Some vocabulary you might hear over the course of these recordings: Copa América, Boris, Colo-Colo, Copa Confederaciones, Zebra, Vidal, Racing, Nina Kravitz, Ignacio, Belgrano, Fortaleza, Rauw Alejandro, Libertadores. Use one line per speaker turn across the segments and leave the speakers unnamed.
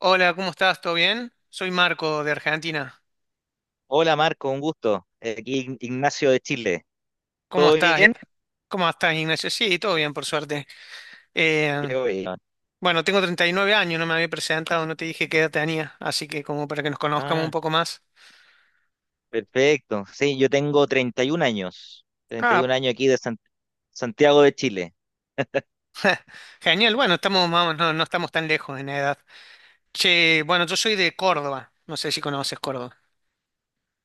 Hola, ¿cómo estás? ¿Todo bien? Soy Marco de Argentina.
Hola Marco, un gusto. Aquí Ignacio de Chile.
¿Cómo
¿Todo
estás?
bien?
¿Cómo estás, Ignacio? Sí, todo bien, por suerte. Eh,
Qué bueno.
bueno, tengo 39 años, no me había presentado, no te dije qué edad tenía, así que como para que nos conozcamos un
Ah,
poco más.
perfecto. Sí, yo tengo 31 años.
Ah,
31 años aquí de Santiago de Chile.
genial, bueno, estamos, vamos, no, no estamos tan lejos en edad. Che, bueno, yo soy de Córdoba, no sé si conoces Córdoba.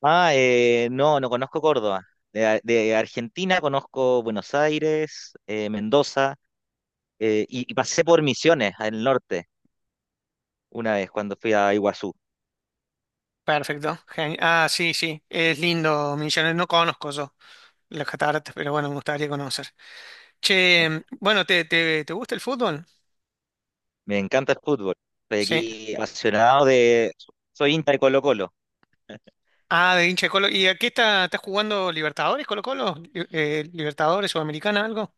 Ah, no, no conozco Córdoba. De Argentina conozco Buenos Aires, Mendoza, y pasé por Misiones al norte una vez cuando fui a Iguazú.
Perfecto, ah, sí, sí, es lindo, Misiones, no conozco yo las cataratas, pero bueno, me gustaría conocer. Che, bueno, ¿te gusta el fútbol?
Me encanta el fútbol. Soy
Sí.
aquí apasionado de... Soy hincha de Colo-Colo.
Ah, de hincha de Colo. ¿Y aquí está jugando Libertadores, Colo Colo? Libertadores, Sudamericana, algo.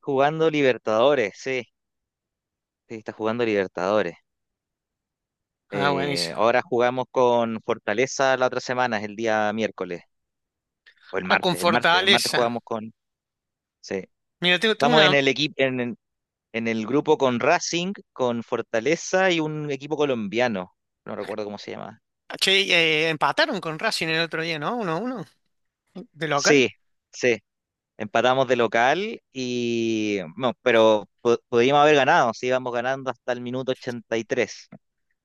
Jugando Libertadores, sí. Sí, está jugando Libertadores.
Ah, buenísimo.
Ahora jugamos con Fortaleza la otra semana, es el día miércoles, o el
Ah, con
martes, el martes, el martes
Fortaleza.
jugamos con... Sí.
Mira, tengo
Estamos en
una.
el equipo, en el grupo con Racing, con Fortaleza y un equipo colombiano, no recuerdo cómo se llama.
Che, empataron con Racing el otro día, no, 1-1, de local.
Sí, sí, empatamos de local y... No, pero podíamos haber ganado, sí, íbamos ganando hasta el minuto 83.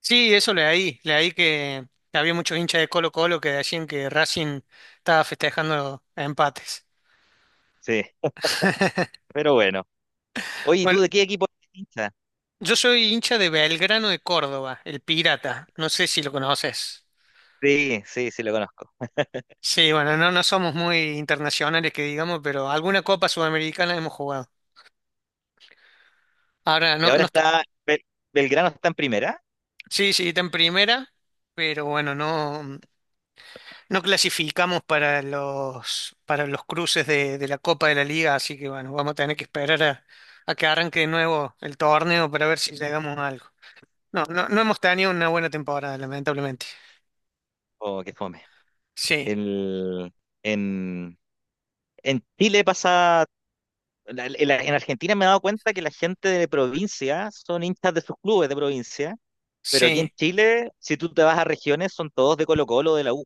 Sí, eso leí. Leí que había muchos hinchas de Colo Colo que decían que Racing estaba festejando empates.
Sí, pero bueno. Oye, ¿y tú
Bueno,
de qué equipo eres hincha?
yo soy hincha de Belgrano de Córdoba, el Pirata. No sé si lo conoces.
Sí, sí, sí, lo conozco.
Sí, bueno, no, no somos muy internacionales que digamos, pero alguna Copa Sudamericana hemos jugado. Ahora,
Y
no,
ahora
no está,
está, Belgrano está en primera.
sí, sí, está en primera, pero bueno, no, no clasificamos para los cruces de la Copa de la Liga, así que bueno, vamos a tener que esperar a que arranque de nuevo el torneo para ver si llegamos a algo. No, no, no hemos tenido una buena temporada, lamentablemente.
Oh, qué fome.
Sí,
El, en, en Chile pasa, en Argentina me he dado cuenta que la gente de provincia son hinchas de sus clubes de provincia, pero aquí en
sí.
Chile, si tú te vas a regiones, son todos de Colo-Colo, de la U.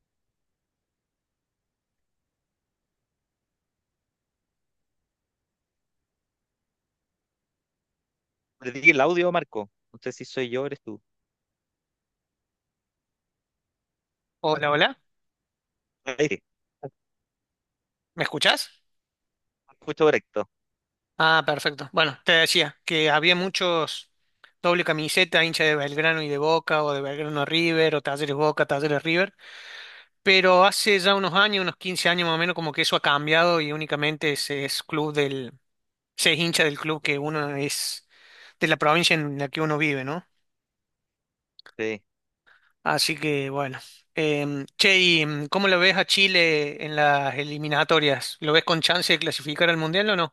¿Perdí el audio, Marco? No sé si soy yo, eres tú.
Hola, hola.
Ahí sí,
¿Me escuchás?
escucho correcto.
Ah, perfecto. Bueno, te decía que había muchos doble camiseta, hincha de Belgrano y de Boca, o de Belgrano a River, o Talleres Boca, Talleres River, pero hace ya unos años, unos 15 años más o menos, como que eso ha cambiado y únicamente se es club del, se es hincha del club que uno es, de la provincia en la que uno vive, ¿no?
Sí.
Así que bueno. Che, ¿y cómo lo ves a Chile en las eliminatorias? ¿Lo ves con chance de clasificar al Mundial o no?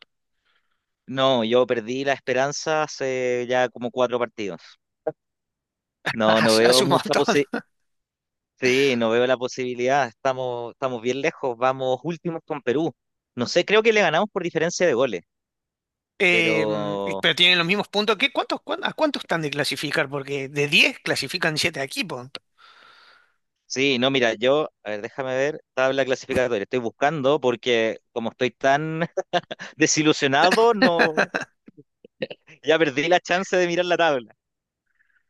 No, yo perdí la esperanza hace ya como cuatro partidos. No, no
Hace
veo
un
mucha,
montón.
sí, no veo la posibilidad. Estamos, estamos bien lejos. Vamos últimos con Perú. No sé, creo que le ganamos por diferencia de goles. Pero
Eh, pero tienen los mismos puntos. ¿A cuántos están de clasificar? Porque de 10 clasifican siete equipos.
sí, no, mira, yo, a ver, déjame ver, tabla clasificatoria. Estoy buscando porque como estoy tan desilusionado, no, ya perdí la chance de mirar la tabla.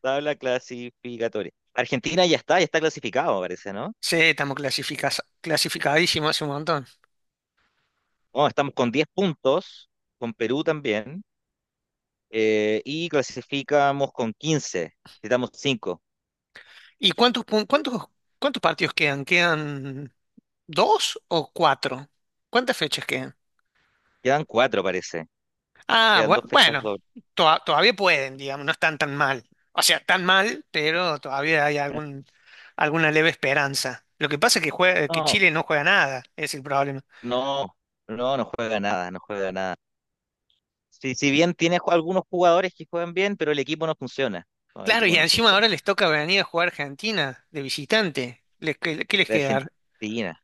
Tabla clasificatoria. Argentina ya está clasificado, parece, ¿no?
Sí, estamos clasificas- clasificadísimos hace un montón.
Oh, estamos con 10 puntos, con Perú también, y clasificamos con 15. Necesitamos 5.
¿Y cuántos partidos quedan? ¿Quedan dos o cuatro? ¿Cuántas fechas quedan?
Quedan 4, parece.
Ah,
Quedan dos fechas
bueno,
dobles.
todavía pueden, digamos, no están tan mal. O sea, tan mal, pero todavía hay alguna leve esperanza. Lo que pasa es que, que
No,
Chile no juega nada, es el problema.
no, no, no juega nada, no juega nada. Si, si bien tiene algunos jugadores que juegan bien, pero el equipo no funciona. No, el
Claro, y
equipo no
encima ahora
funciona.
les toca venir a jugar a Argentina de visitante. ¿Qué les
De
queda?
Argentina.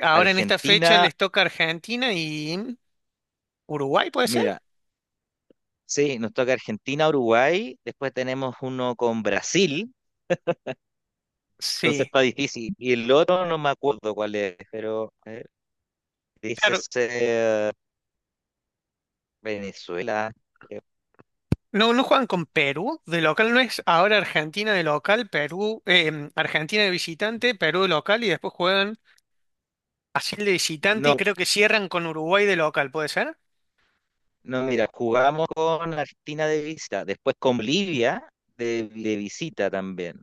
Ahora en esta fecha
Argentina,
les toca Argentina y Uruguay, ¿puede ser?
mira, sí, nos toca Argentina, Uruguay, después tenemos uno con Brasil, entonces
Sí,
está difícil. Y el otro no me acuerdo cuál es, pero a ver, dice
claro.
ser Venezuela, creo.
No, no juegan con Perú de local, no es ahora Argentina de local, Perú, Argentina de visitante, Perú de local y después juegan así de visitante y
No,
creo que cierran con Uruguay de local, ¿puede ser?
no, mira, jugamos con Argentina de visita, después con Bolivia de visita también,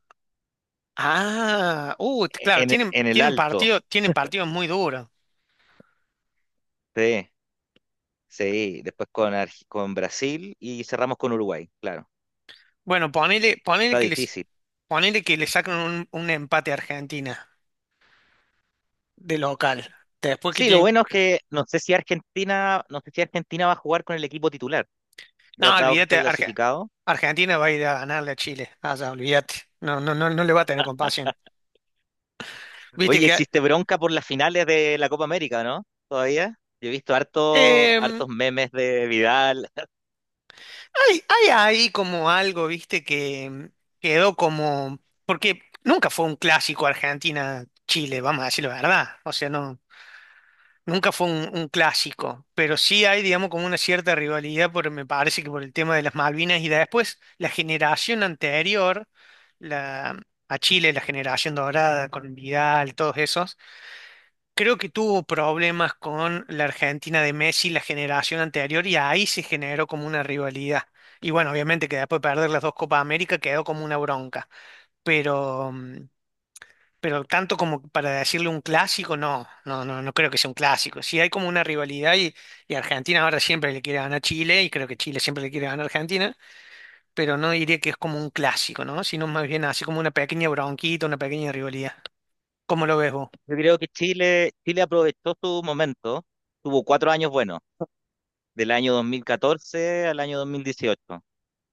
Ah, t- claro, tienen,
En el
tienen
Alto,
partido, tienen partidos muy duros.
sí, sí, después con Brasil y cerramos con Uruguay, claro,
Bueno,
está difícil.
ponele que le sacan un empate a Argentina de local. Después que
Sí, lo
tienen.
bueno es que no sé si Argentina, no sé si Argentina va a jugar con el equipo titular, ya
No,
dado que está
olvídate, Arge-
clasificado.
Argentina va a ir a ganarle a Chile. Ah, ya, olvídate. No, no, no, no le va a tener compasión. Viste
Oye,
que
existe bronca por las finales de la Copa América, ¿no? Todavía. Yo he visto harto,
em,
hartos memes de Vidal.
hay ahí como algo, viste, que quedó como. Porque nunca fue un clásico Argentina-Chile, vamos a decir la verdad. O sea, no. Nunca fue un clásico, pero sí hay, digamos, como una cierta rivalidad, me parece que por el tema de las Malvinas y de después la generación anterior, la, a Chile, la generación dorada con Vidal, todos esos, creo que tuvo problemas con la Argentina de Messi, la generación anterior, y ahí se generó como una rivalidad. Y bueno, obviamente que después de perder las dos Copas América quedó como una bronca, pero pero tanto como para decirle un clásico, no, no, no, no creo que sea un clásico. Sí hay como una rivalidad y Argentina ahora siempre le quiere ganar a Chile y creo que Chile siempre le quiere ganar a Argentina, pero no diría que es como un clásico, ¿no? Sino más bien así como una pequeña bronquita, una pequeña rivalidad. ¿Cómo lo ves vos?
Yo creo que Chile, Chile aprovechó su momento, tuvo cuatro años buenos, del año 2014 al año 2018.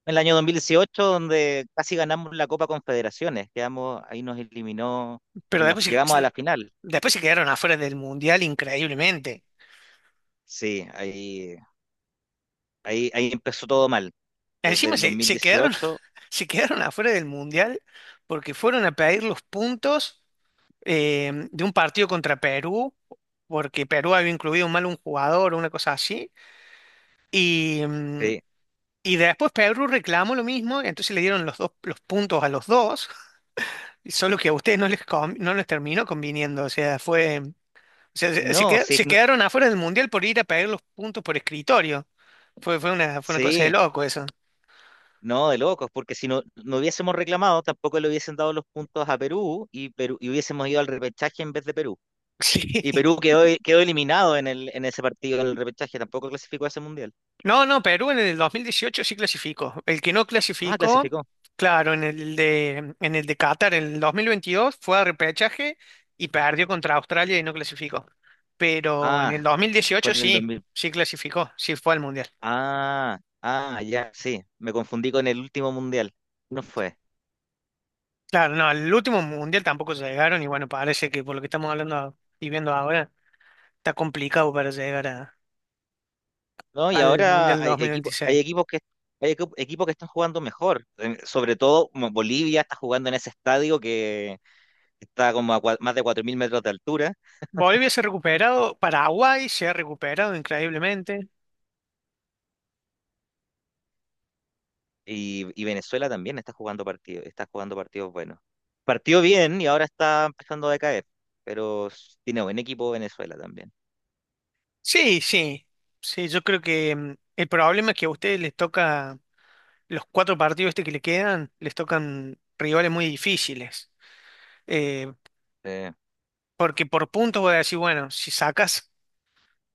El año 2018, donde casi ganamos la Copa Confederaciones, quedamos, ahí nos eliminó,
Pero
llegamos a la final.
después se quedaron afuera del Mundial increíblemente.
Sí, ahí empezó todo mal, desde
Encima
el
se quedaron,
2018.
se quedaron afuera del Mundial porque fueron a pedir los puntos de un partido contra Perú, porque Perú había incluido mal un jugador o una cosa así. Y, mm,
Sí.
y después Perú reclamó lo mismo, entonces le dieron los dos los puntos a los dos, y solo que a ustedes no les terminó conviniendo. O sea, fue. O sea, se, se
No,
qued-
sí,
se
no,
quedaron afuera del Mundial por ir a pedir los puntos por escritorio. Fue una cosa de
sí,
loco eso.
no, de locos, porque si no, no hubiésemos reclamado, tampoco le hubiesen dado los puntos a Perú y hubiésemos ido al repechaje en vez de Perú. Y Perú
Sí.
quedó, quedó eliminado en ese partido, en el repechaje, tampoco clasificó a ese mundial.
No, no, Perú en el 2018 sí clasificó. El que no
Ah,
clasificó,
clasificó.
claro, en en el de Qatar, en el 2022 fue a repechaje y perdió contra Australia y no clasificó. Pero en el
Ah,
dos mil
fue
dieciocho
en el
sí,
2000.
sí clasificó, sí fue al Mundial.
Ah, ah, ya, sí, me confundí con el último mundial. No fue.
Claro, no, el último Mundial tampoco llegaron y bueno, parece que por lo que estamos hablando y viendo ahora, está complicado para llegar
No, y
al
ahora
Mundial dos mil
hay
veintiséis.
equipos que equipos que están jugando mejor. Sobre todo como Bolivia está jugando en ese estadio que está como a más de 4.000 metros de altura.
Bolivia se ha recuperado, Paraguay se ha recuperado increíblemente.
Y Venezuela también está jugando partidos buenos. Partió bien y ahora está empezando a decaer, pero tiene buen equipo Venezuela también.
Sí, sí, sí, yo creo que el problema es que a ustedes les toca, los cuatro partidos este que le quedan, les tocan rivales muy difíciles. Eh,
Eh,
porque por puntos voy a decir, bueno, si sacas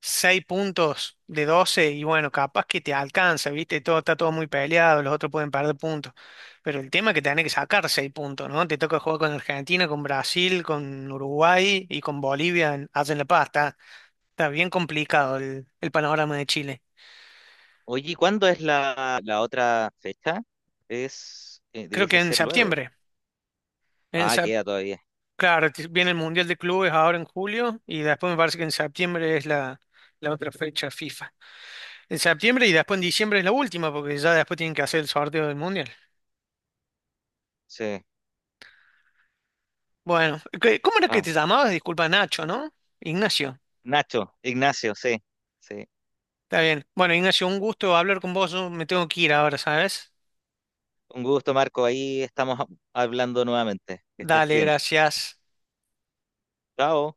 seis puntos de 12 y bueno, capaz que te alcanza, ¿viste? Todo, está todo muy peleado, los otros pueden perder puntos. Pero el tema es que tenés que sacar seis puntos, ¿no? Te toca jugar con Argentina, con Brasil, con Uruguay y con Bolivia, allá en La Paz. Está bien complicado el panorama de Chile.
oye, ¿y cuándo es la, la otra fecha? Es,
Creo que
debiese
en
ser luego.
septiembre. En
Ah,
sep-
queda todavía.
claro, viene el Mundial de Clubes ahora en julio y después me parece que en septiembre es la, la otra fecha FIFA. En septiembre y después en diciembre es la última porque ya después tienen que hacer el sorteo del Mundial.
Sí.
Bueno, ¿cómo era que te
Ah,
llamabas? Disculpa, Nacho, ¿no? Ignacio.
Nacho, Ignacio, sí, sí.
Está bien. Bueno, Ignacio, un gusto hablar con vos. Yo me tengo que ir ahora, ¿sabes?
Un gusto, Marco. Ahí estamos hablando nuevamente. Que estés
Dale,
bien.
gracias.
Chao.